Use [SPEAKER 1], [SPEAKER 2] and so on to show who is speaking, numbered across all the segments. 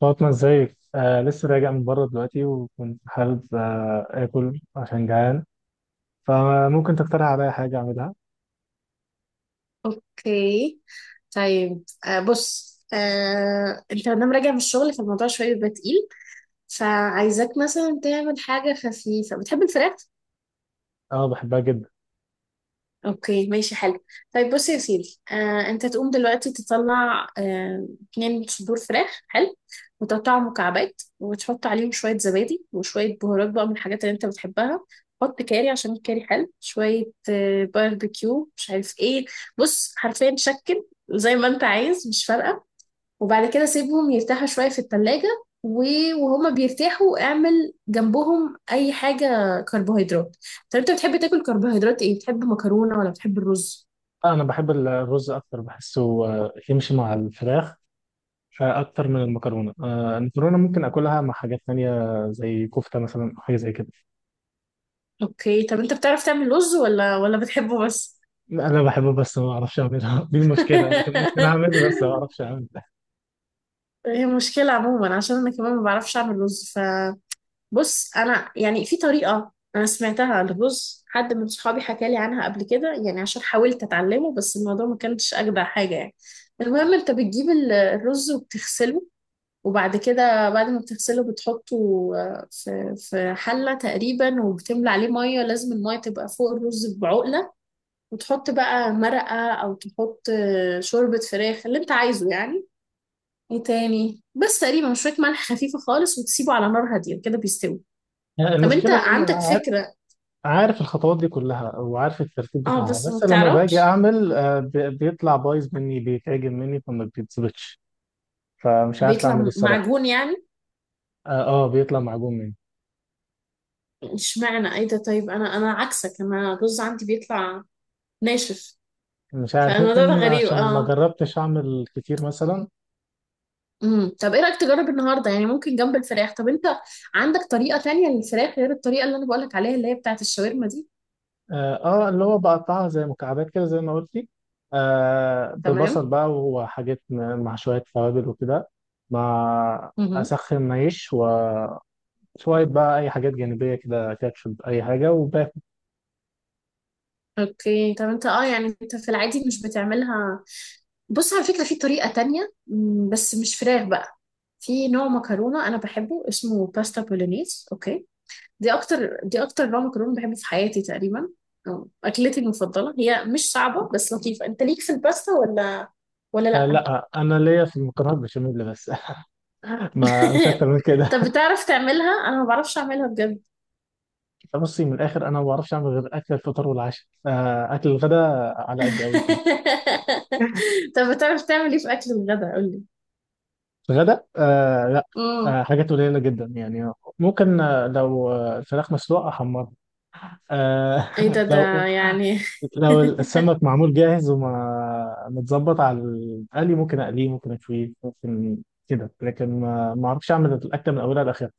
[SPEAKER 1] فاطمة، ازيك؟ آه، لسه راجع من بره دلوقتي وكنت حابب آكل عشان جعان. فممكن تقترح عليا حاجة أعملها؟
[SPEAKER 2] اوكي. طيب بص، انت لما راجع من الشغل فالموضوع شويه بيبقى تقيل، فعايزاك مثلا تعمل حاجه خفيفه. بتحب الفراخ؟
[SPEAKER 1] أه، بحبها جدا.
[SPEAKER 2] اوكي ماشي حلو. طيب بص يا سيدي، انت تقوم دلوقتي تطلع اتنين صدور فراخ، حلو، وتقطعهم مكعبات وتحط عليهم شويه زبادي وشويه بهارات بقى من الحاجات اللي انت بتحبها. حط كاري عشان الكاري حلو شويه، باربيكيو، مش عارف ايه. بص حرفيا شكل زي ما انت عايز، مش فارقه. وبعد كده سيبهم يرتاحوا شوية في التلاجة. وهما بيرتاحوا اعمل جنبهم اي حاجة كربوهيدرات. طب انت بتحب تاكل كربوهيدرات ايه؟ بتحب مكرونة ولا بتحب الرز؟
[SPEAKER 1] آه، أنا بحب الرز أكتر، بحسه يمشي مع الفراخ أكتر من المكرونة. المكرونة ممكن آكلها مع حاجات تانية زي كفتة مثلا أو حاجة زي كده.
[SPEAKER 2] اوكي. طب انت بتعرف تعمل رز ولا بتحبه بس؟
[SPEAKER 1] أنا بحبه بس ما أعرفش أعملها. دي المشكلة، أنا كان ممكن أعمل بس ما أعرفش أعمل.
[SPEAKER 2] هي مشكلة عموما، عشان انا كمان ما بعرفش اعمل رز. بص انا يعني في طريقه انا سمعتها للرز، حد من صحابي حكى لي عنها قبل كده يعني، عشان حاولت اتعلمه بس الموضوع ما كانش اجدع حاجه يعني. المهم انت بتجيب الرز وبتغسله، وبعد كده بعد ما بتغسله بتحطه في في حله تقريبا، وبتملى عليه ميه، لازم الميه تبقى فوق الرز بعقله، وتحط بقى مرقه او تحط شوربه فراخ اللي انت عايزه يعني. ايه تاني؟ بس تقريبا شويه ملح خفيفه خالص، وتسيبه على نار هاديه كده بيستوي. طب انت
[SPEAKER 1] المشكلة إن
[SPEAKER 2] عندك
[SPEAKER 1] أنا
[SPEAKER 2] فكرة؟
[SPEAKER 1] عارف الخطوات دي كلها وعارف الترتيب
[SPEAKER 2] اه
[SPEAKER 1] بتاعها،
[SPEAKER 2] بس ما
[SPEAKER 1] بس لما باجي
[SPEAKER 2] بتعرفش.
[SPEAKER 1] اعمل بيطلع بايظ مني، بيتعجن مني فما بيتظبطش. فمش عارف اعمل ايه
[SPEAKER 2] بيطلع
[SPEAKER 1] الصراحه.
[SPEAKER 2] معجون يعني؟
[SPEAKER 1] اه. بيطلع معجون مني.
[SPEAKER 2] اشمعنى؟ ايه ده؟ طيب انا، عكسك، انا الرز عندي بيطلع ناشف.
[SPEAKER 1] مش عارف،
[SPEAKER 2] فالموضوع ده
[SPEAKER 1] ممكن
[SPEAKER 2] غريب،
[SPEAKER 1] عشان ما
[SPEAKER 2] اه.
[SPEAKER 1] جربتش اعمل كتير مثلا.
[SPEAKER 2] طب ايه رأيك تجرب النهارده؟ يعني ممكن جنب الفراخ. طب انت عندك طريقة تانية للفراخ غير الطريقة اللي انا بقولك عليها اللي هي بتاعت الشاورما دي؟
[SPEAKER 1] اه. اللي هو بقطعها زي مكعبات كده زي ما قلت لي. آه،
[SPEAKER 2] تمام.
[SPEAKER 1] ببصل بقى وحاجات مع شويه توابل وكده، مع
[SPEAKER 2] امم.
[SPEAKER 1] اسخن عيش وشويه بقى اي حاجات جانبيه كده، كاتشب اي حاجه.
[SPEAKER 2] اوكي. طب انت اه يعني انت في العادي مش بتعملها؟ بص على فكرة في طريقة تانية، بس مش فراخ بقى. في نوع مكرونة أنا بحبه اسمه باستا بولونيز، أوكي؟ دي اكتر نوع مكرونه بحبه في حياتي تقريبا، أو اكلتي المفضله. هي مش صعبه بس لطيفه. انت ليك في الباستا ولا ولا لا؟
[SPEAKER 1] لا، انا ليا في المكرونه البشاميل بس. ما مش اكتر من كده.
[SPEAKER 2] طب بتعرف تعملها؟ انا ما بعرفش اعملها بجد.
[SPEAKER 1] بصي من الاخر، انا ما بعرفش اعمل غير اكل الفطار والعشاء. اكل الغداء على قد قوي فيه.
[SPEAKER 2] طب بتعرف تعمل ايه في اكل الغداء؟ قول لي.
[SPEAKER 1] الغداء آه لا.
[SPEAKER 2] امم.
[SPEAKER 1] حاجات قليله جدا يعني. ممكن لو الفراخ مسلوقه احمرها. آه.
[SPEAKER 2] ايه ده
[SPEAKER 1] لو
[SPEAKER 2] ده يعني؟
[SPEAKER 1] السمك معمول جاهز وما متظبط على القلي، ممكن اقليه، ممكن اشويه، ممكن كده. لكن ما اعرفش اعمل الاكله من اولها لاخرها.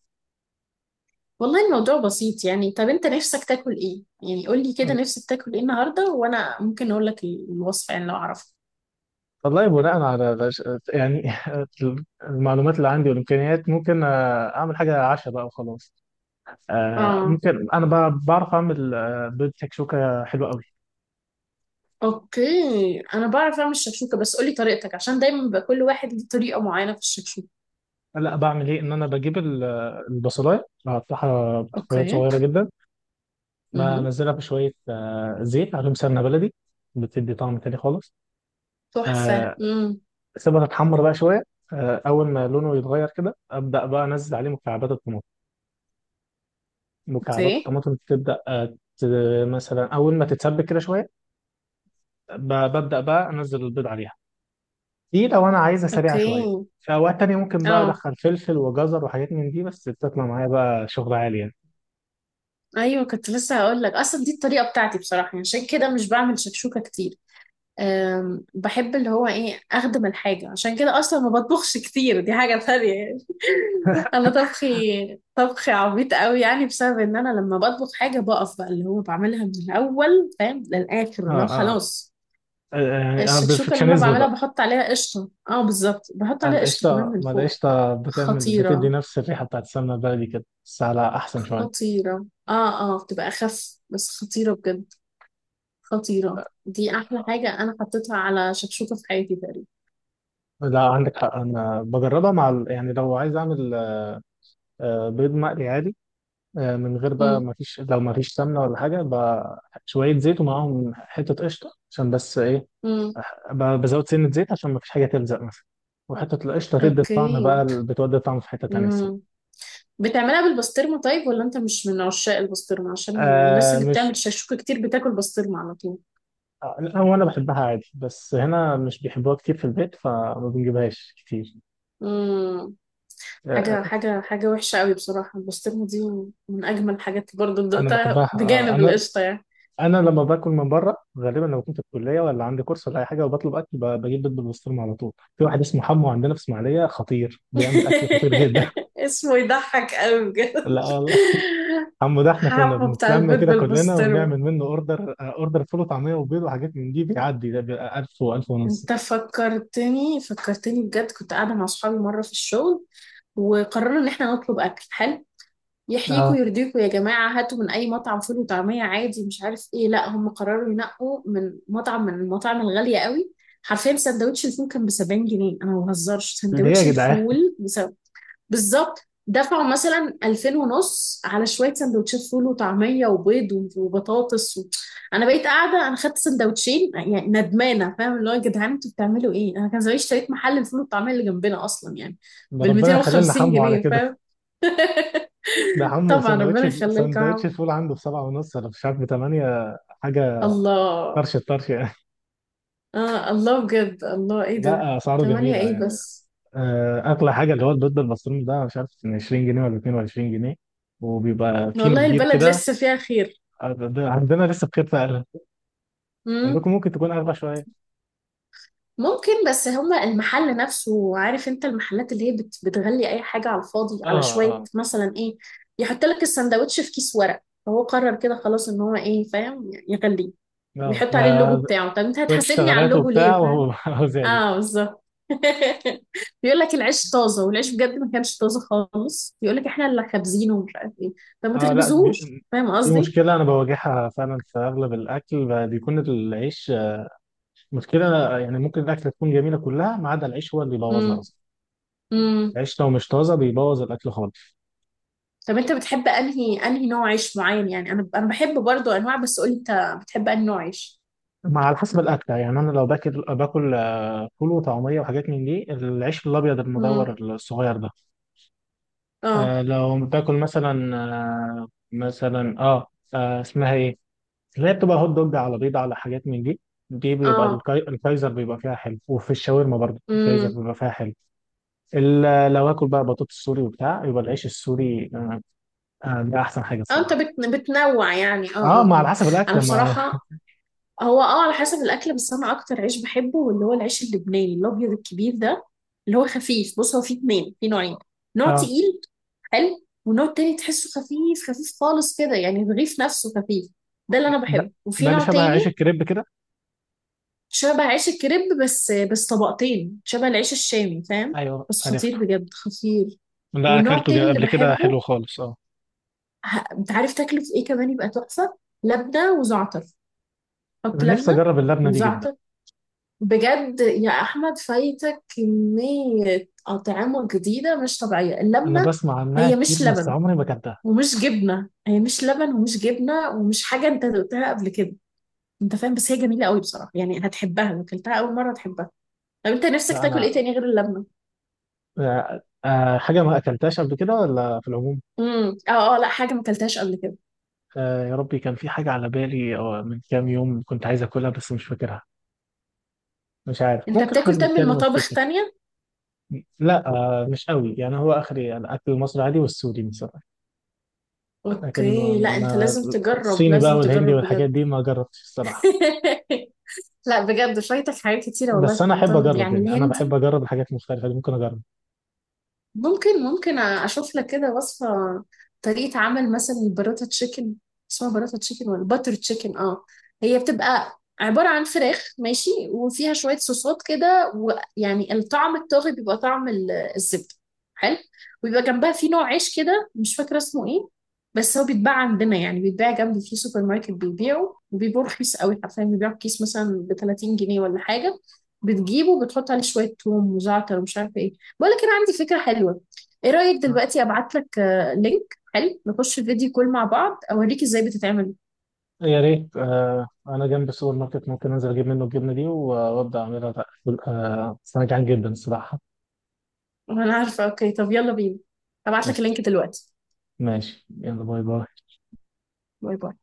[SPEAKER 2] والله الموضوع بسيط يعني. طب انت نفسك تاكل ايه يعني؟ قول لي كده نفسك تاكل ايه النهارده وانا ممكن اقول لك الوصفه، يعني لو اعرفها.
[SPEAKER 1] والله، يعني. المعلومات اللي عندي والامكانيات، ممكن اعمل حاجه عشاء بقى وخلاص.
[SPEAKER 2] اه.
[SPEAKER 1] ممكن انا بعرف اعمل بيض تكشوكه حلوه قوي.
[SPEAKER 2] اوكي. انا بعرف اعمل الشكشوكه بس قولي طريقتك، عشان دايما بيبقى كل واحد ليه طريقه معينه في الشكشوكه.
[SPEAKER 1] لا، بعمل ايه، ان انا بجيب البصلايه، بقطعها قطعات
[SPEAKER 2] اوكي.
[SPEAKER 1] صغيره جدا،
[SPEAKER 2] امم.
[SPEAKER 1] بنزلها في شويه زيت، عليهم سمنه بلدي، بتدي طعم تاني خالص.
[SPEAKER 2] تحفه.
[SPEAKER 1] آه،
[SPEAKER 2] امم.
[SPEAKER 1] سيبها تتحمر بقى شويه. اول ما لونه يتغير كده، ابدا بقى انزل عليه مكعبات الطماطم. مكعبات
[SPEAKER 2] اوكي.
[SPEAKER 1] الطماطم تبدأ مثلا أول ما تتسبك كده شوية، ببدأ بقى أنزل البيض عليها. دي لو أنا عايزها سريعة
[SPEAKER 2] اوكي.
[SPEAKER 1] شوية. في أوقات تانية ممكن بقى
[SPEAKER 2] اه.
[SPEAKER 1] أدخل فلفل وجزر وحاجات من دي، بس بتطلع معايا بقى شغل عالي يعني.
[SPEAKER 2] ايوه كنت لسه هقول لك، اصلا دي الطريقه بتاعتي بصراحه يعني، عشان كده مش بعمل شكشوكه كتير. أم بحب اللي هو ايه، اخدم الحاجه، عشان كده اصلا ما بطبخش كتير. دي حاجه ثانيه يعني. انا طبخي، عبيط قوي يعني، بسبب ان انا لما بطبخ حاجه بقف بقى اللي هو بعملها من الاول فاهم
[SPEAKER 1] آه
[SPEAKER 2] للاخر لو خلاص.
[SPEAKER 1] آه، يعني أنا
[SPEAKER 2] الشكشوكة اللي أنا
[SPEAKER 1] بيرفكشنزم
[SPEAKER 2] بعملها
[SPEAKER 1] بقى.
[SPEAKER 2] بحط عليها قشطة. اه بالظبط، بحط عليها قشطة كمان
[SPEAKER 1] القشطة،
[SPEAKER 2] من
[SPEAKER 1] ما
[SPEAKER 2] فوق.
[SPEAKER 1] القشطة بتعمل، بتدي
[SPEAKER 2] خطيرة.
[SPEAKER 1] نفس الريحة بتاعت السمنة البلدي كده، بس على أحسن شوية.
[SPEAKER 2] خطيرة، اه. اه بتبقى أخف بس خطيرة بجد. خطيرة، دي أحلى حاجة أنا حطيتها على شكشوكة في حياتي تقريبا.
[SPEAKER 1] لا، عندك حق، أنا بجربها مع يعني لو عايز أعمل بيض مقلي عادي، من غير بقى،
[SPEAKER 2] مم.
[SPEAKER 1] ما فيش، لو ما فيش سمنه ولا حاجه بقى، شويه زيت ومعاهم حته قشطه عشان بس ايه،
[SPEAKER 2] مم.
[SPEAKER 1] بزود سنه زيت عشان ما فيش حاجه تلزق مثلا. وحته القشطه تدي الطعم بقى،
[SPEAKER 2] أوكي.
[SPEAKER 1] بتودي الطعم في حته تانيه
[SPEAKER 2] مم.
[SPEAKER 1] الصراحه.
[SPEAKER 2] بتعملها بالبسطرمة طيب، ولا أنت مش من عشاق البسطرمة؟ عشان الناس
[SPEAKER 1] آه
[SPEAKER 2] اللي بتعمل
[SPEAKER 1] مش
[SPEAKER 2] شكشوكة كتير بتاكل بسطرمة على طول.
[SPEAKER 1] آه، لا، هو انا بحبها عادي، بس هنا مش بيحبوها كتير في البيت فما بنجيبهاش كتير.
[SPEAKER 2] مم.
[SPEAKER 1] آه
[SPEAKER 2] حاجة
[SPEAKER 1] آه،
[SPEAKER 2] حاجة حاجة وحشة قوي بصراحة البسطرمة دي. من أجمل الحاجات برضه اللي
[SPEAKER 1] انا
[SPEAKER 2] دقتها
[SPEAKER 1] بحبها.
[SPEAKER 2] بجانب القشطة يعني.
[SPEAKER 1] انا لما باكل من بره، غالبا لما كنت في الكليه ولا عندي كورس ولا اي حاجه وبطلب اكل، بجيب بيض بالبسطرمه على طول. في واحد اسمه حمو عندنا في اسماعيليه خطير، بيعمل اكل خطير جدا.
[SPEAKER 2] اسمه يضحك قوي بجد.
[SPEAKER 1] لا والله. عمو ده، احنا كنا
[SPEAKER 2] حبه بتاع
[SPEAKER 1] بنتلم
[SPEAKER 2] البيض
[SPEAKER 1] كده كلنا
[SPEAKER 2] بالبسطرمة.
[SPEAKER 1] ونعمل منه اوردر، فول وطعميه وبيض وحاجات من دي، بيعدي ده بيبقى 1000 و1000 ونص.
[SPEAKER 2] انت فكرتني، فكرتني بجد. كنت قاعدة مع صحابي مرة في الشغل، وقررنا ان احنا نطلب اكل حلو. يحييكوا
[SPEAKER 1] اه.
[SPEAKER 2] يرضيكوا يا جماعة هاتوا من اي مطعم فول وطعمية عادي، مش عارف ايه. لا هم قرروا ينقوا من مطعم من المطاعم الغالية قوي. حرفيا سندوتش الفول كان ب 70 جنيه، انا ما بهزرش،
[SPEAKER 1] ليه يا
[SPEAKER 2] سندوتش
[SPEAKER 1] جدعان؟
[SPEAKER 2] الفول! بالظبط. دفعوا مثلا 2000 ونص على شويه سندوتشات فول وطعميه وبيض وبطاطس و... انا بقيت قاعده، انا خدت سندوتشين يعني ندمانه، فاهم اللي هو يا جدعان انتوا بتعملوا ايه؟ انا كان زمان اشتريت محل الفول والطعميه اللي جنبنا اصلا يعني
[SPEAKER 1] ده
[SPEAKER 2] بال
[SPEAKER 1] ربنا يخلينا
[SPEAKER 2] 250
[SPEAKER 1] حمو على
[SPEAKER 2] جنيه
[SPEAKER 1] كده.
[SPEAKER 2] فاهم؟
[SPEAKER 1] ده حمو،
[SPEAKER 2] طبعا ربنا يخلي لكم يا
[SPEAKER 1] سندوتش
[SPEAKER 2] عم.
[SPEAKER 1] الفول عنده بسبعة ونص ولا مش عارف بثمانية حاجة.
[SPEAKER 2] الله.
[SPEAKER 1] طرش الطرش يعني.
[SPEAKER 2] اه الله بجد، الله، ايه ده!
[SPEAKER 1] لا، أسعاره
[SPEAKER 2] تمانية
[SPEAKER 1] جميلة
[SPEAKER 2] ايه
[SPEAKER 1] يعني.
[SPEAKER 2] بس!
[SPEAKER 1] أغلى حاجة اللي هو البيض بالمصروم ده، مش عارف 20 جنيه ولا 22 جنيه، وبيبقى كيلو
[SPEAKER 2] والله
[SPEAKER 1] كبير
[SPEAKER 2] البلد
[SPEAKER 1] كده.
[SPEAKER 2] لسه فيها خير.
[SPEAKER 1] ده عندنا لسه بخير فعلا. عندكم ممكن تكون أغلى شوية.
[SPEAKER 2] ممكن، بس هما المحل نفسه عارف انت المحلات اللي هي بتغلي اي حاجة على الفاضي،
[SPEAKER 1] اه
[SPEAKER 2] على شوية
[SPEAKER 1] اه
[SPEAKER 2] مثلا ايه، يحط لك السندوتش في كيس ورق فهو قرر كده خلاص ان هو ايه، فاهم، يغليه ويحط عليه اللوجو
[SPEAKER 1] اه.
[SPEAKER 2] بتاعه. طب انت
[SPEAKER 1] شوية
[SPEAKER 2] هتحاسبني على
[SPEAKER 1] اشتغالات
[SPEAKER 2] اللوجو
[SPEAKER 1] وبتاع،
[SPEAKER 2] ليه، فاهم؟
[SPEAKER 1] وهو هو زادت.
[SPEAKER 2] اه بالظبط. بيقول لك العيش طازة والعيش بجد ما كانش طازة خالص، بيقول لك احنا اللي خابزينه ومش عارف ايه. طب ما
[SPEAKER 1] اه، لا،
[SPEAKER 2] تخبزوهوش فاهم
[SPEAKER 1] دي
[SPEAKER 2] قصدي؟
[SPEAKER 1] مشكلة أنا بواجهها فعلا في أغلب الأكل، بيكون العيش مشكلة يعني. ممكن الأكلة تكون جميلة كلها ما عدا العيش، هو اللي بيبوظها
[SPEAKER 2] امم.
[SPEAKER 1] أصلا.
[SPEAKER 2] امم.
[SPEAKER 1] العيش لو مش طازة بيبوظ الأكل خالص.
[SPEAKER 2] طب انت بتحب انهي، نوع عيش معين يعني؟ انا، بحب برضو انواع بس قولي انت بتحب انهي نوع عيش.
[SPEAKER 1] مع على حسب الأكلة يعني. أنا لو باكل فول وطعمية وحاجات من دي، العيش الأبيض
[SPEAKER 2] امم.
[SPEAKER 1] المدور الصغير ده.
[SPEAKER 2] اه.
[SPEAKER 1] آه. لو بتاكل مثلا اسمها ايه، اللي هي بتبقى هوت دوج على بيض على حاجات من دي، دي بيبقى
[SPEAKER 2] اه.
[SPEAKER 1] الكايزر بيبقى فيها حلو، وفي الشاورما برضه الكايزر
[SPEAKER 2] امم.
[SPEAKER 1] بيبقى فيها حلو. لو اكل بقى بطاطس سوري وبتاع، يبقى العيش السوري. ده احسن حاجه
[SPEAKER 2] اه انت
[SPEAKER 1] الصراحه.
[SPEAKER 2] بتنوع يعني. اه اه
[SPEAKER 1] اه، ما على
[SPEAKER 2] اه.
[SPEAKER 1] حسب
[SPEAKER 2] انا
[SPEAKER 1] الاكل ما.
[SPEAKER 2] بصراحة، هو اه على حسب الاكل، بس انا اكتر عيش بحبه اللي هو العيش اللبناني الابيض الكبير ده، اللي هو خفيف. بص هو فيه اتنين، فيه نوعين. نوع
[SPEAKER 1] اه.
[SPEAKER 2] تقيل حلو، ونوع تاني تحسه خفيف خفيف خالص كده يعني الرغيف نفسه خفيف، ده اللي انا
[SPEAKER 1] ده,
[SPEAKER 2] بحبه. وفي
[SPEAKER 1] ده اللي
[SPEAKER 2] نوع
[SPEAKER 1] شبه
[SPEAKER 2] تاني
[SPEAKER 1] عيش الكريب كده.
[SPEAKER 2] شبه عيش الكريب، بس طبقتين، شبه العيش الشامي فاهم.
[SPEAKER 1] ايوه،
[SPEAKER 2] بس خطير
[SPEAKER 1] عرفته.
[SPEAKER 2] بجد، خطير.
[SPEAKER 1] ده
[SPEAKER 2] والنوع
[SPEAKER 1] اكلته
[SPEAKER 2] التاني اللي
[SPEAKER 1] قبل كده، حلو
[SPEAKER 2] بحبه،
[SPEAKER 1] خالص. اه،
[SPEAKER 2] انت عارف تاكله في ايه كمان يبقى تحفة؟ لبنة وزعتر. حط
[SPEAKER 1] انا نفسي
[SPEAKER 2] لبنة
[SPEAKER 1] اجرب اللبنه دي جدا.
[SPEAKER 2] وزعتر بجد، يا احمد فايتك كمية اطعمة جديدة مش طبيعية.
[SPEAKER 1] انا
[SPEAKER 2] اللبنة
[SPEAKER 1] بسمع عنها
[SPEAKER 2] هي
[SPEAKER 1] كتير
[SPEAKER 2] مش
[SPEAKER 1] بس
[SPEAKER 2] لبن
[SPEAKER 1] عمري ما اكلتها.
[SPEAKER 2] ومش جبنة. هي مش لبن ومش جبنة ومش حاجة انت دقتها قبل كده، انت فاهم. بس هي جميلة قوي بصراحة يعني، هتحبها لو اكلتها اول مرة، هتحبها. طب انت نفسك
[SPEAKER 1] لا
[SPEAKER 2] تاكل ايه
[SPEAKER 1] انا،
[SPEAKER 2] تاني غير اللبنة؟
[SPEAKER 1] حاجة ما أكلتهاش قبل كده ولا في العموم؟
[SPEAKER 2] امم. اه اه، لا حاجة ما اكلتهاش قبل كده.
[SPEAKER 1] يا ربي، كان في حاجة على بالي أو من كام يوم كنت عايز أكلها بس مش فاكرها. مش عارف،
[SPEAKER 2] انت
[SPEAKER 1] ممكن إحنا
[SPEAKER 2] بتاكل تم من
[SPEAKER 1] بنتكلم
[SPEAKER 2] مطابخ
[SPEAKER 1] أفتكر.
[SPEAKER 2] تانية؟
[SPEAKER 1] لا، مش قوي يعني، هو آخري الأكل المصري عادي والسوري مثلا. لكن
[SPEAKER 2] اوكي. لا انت
[SPEAKER 1] ما
[SPEAKER 2] لازم تجرب،
[SPEAKER 1] الصيني بقى
[SPEAKER 2] لازم
[SPEAKER 1] والهندي
[SPEAKER 2] تجرب
[SPEAKER 1] والحاجات
[SPEAKER 2] بجد.
[SPEAKER 1] دي ما جربتش الصراحة.
[SPEAKER 2] لا بجد فايتك حاجات كتيرة والله
[SPEAKER 1] بس
[SPEAKER 2] في
[SPEAKER 1] أنا أحب
[SPEAKER 2] المطابخ دي،
[SPEAKER 1] أجرب
[SPEAKER 2] يعني
[SPEAKER 1] يعني، أنا بحب
[SPEAKER 2] الهندي.
[SPEAKER 1] أجرب الحاجات المختلفة دي، ممكن أجرب.
[SPEAKER 2] ممكن، ممكن اشوف لك كده وصفه، طريقه عمل مثلا البراتا تشيكن. اسمها براتا تشيكن ولا باتر تشيكن، اه. هي بتبقى عباره عن فراخ ماشي، وفيها شويه صوصات كده، ويعني الطعم الطاغي بيبقى طعم الزبده، حلو. ويبقى جنبها في نوع عيش كده مش فاكره اسمه ايه، بس هو بيتباع عندنا يعني، بيتباع جنبي في سوبر ماركت بيبيعه، وبيبقى رخيص قوي حرفيا، بيبيعه بكيس مثلا ب 30 جنيه ولا حاجه. بتجيبه بتحط عليه شويه توم وزعتر ومش عارفه ايه. بقولك انا عندي فكره حلوه، ايه رايك دلوقتي ابعت لك لينك حلو نخش فيديو كول مع بعض اوريك ازاي بتتعمل؟
[SPEAKER 1] يا ريت. انا جنب السوبر ماركت، ممكن انزل اجيب منه الجبنه دي وابدا اعملها بقى. بس انا جعان جدا الصراحه.
[SPEAKER 2] وانا عارفه. اوكي طب يلا بينا، ابعت لك
[SPEAKER 1] قشطة.
[SPEAKER 2] اللينك دلوقتي.
[SPEAKER 1] ماشي يلا، باي باي.
[SPEAKER 2] باي باي.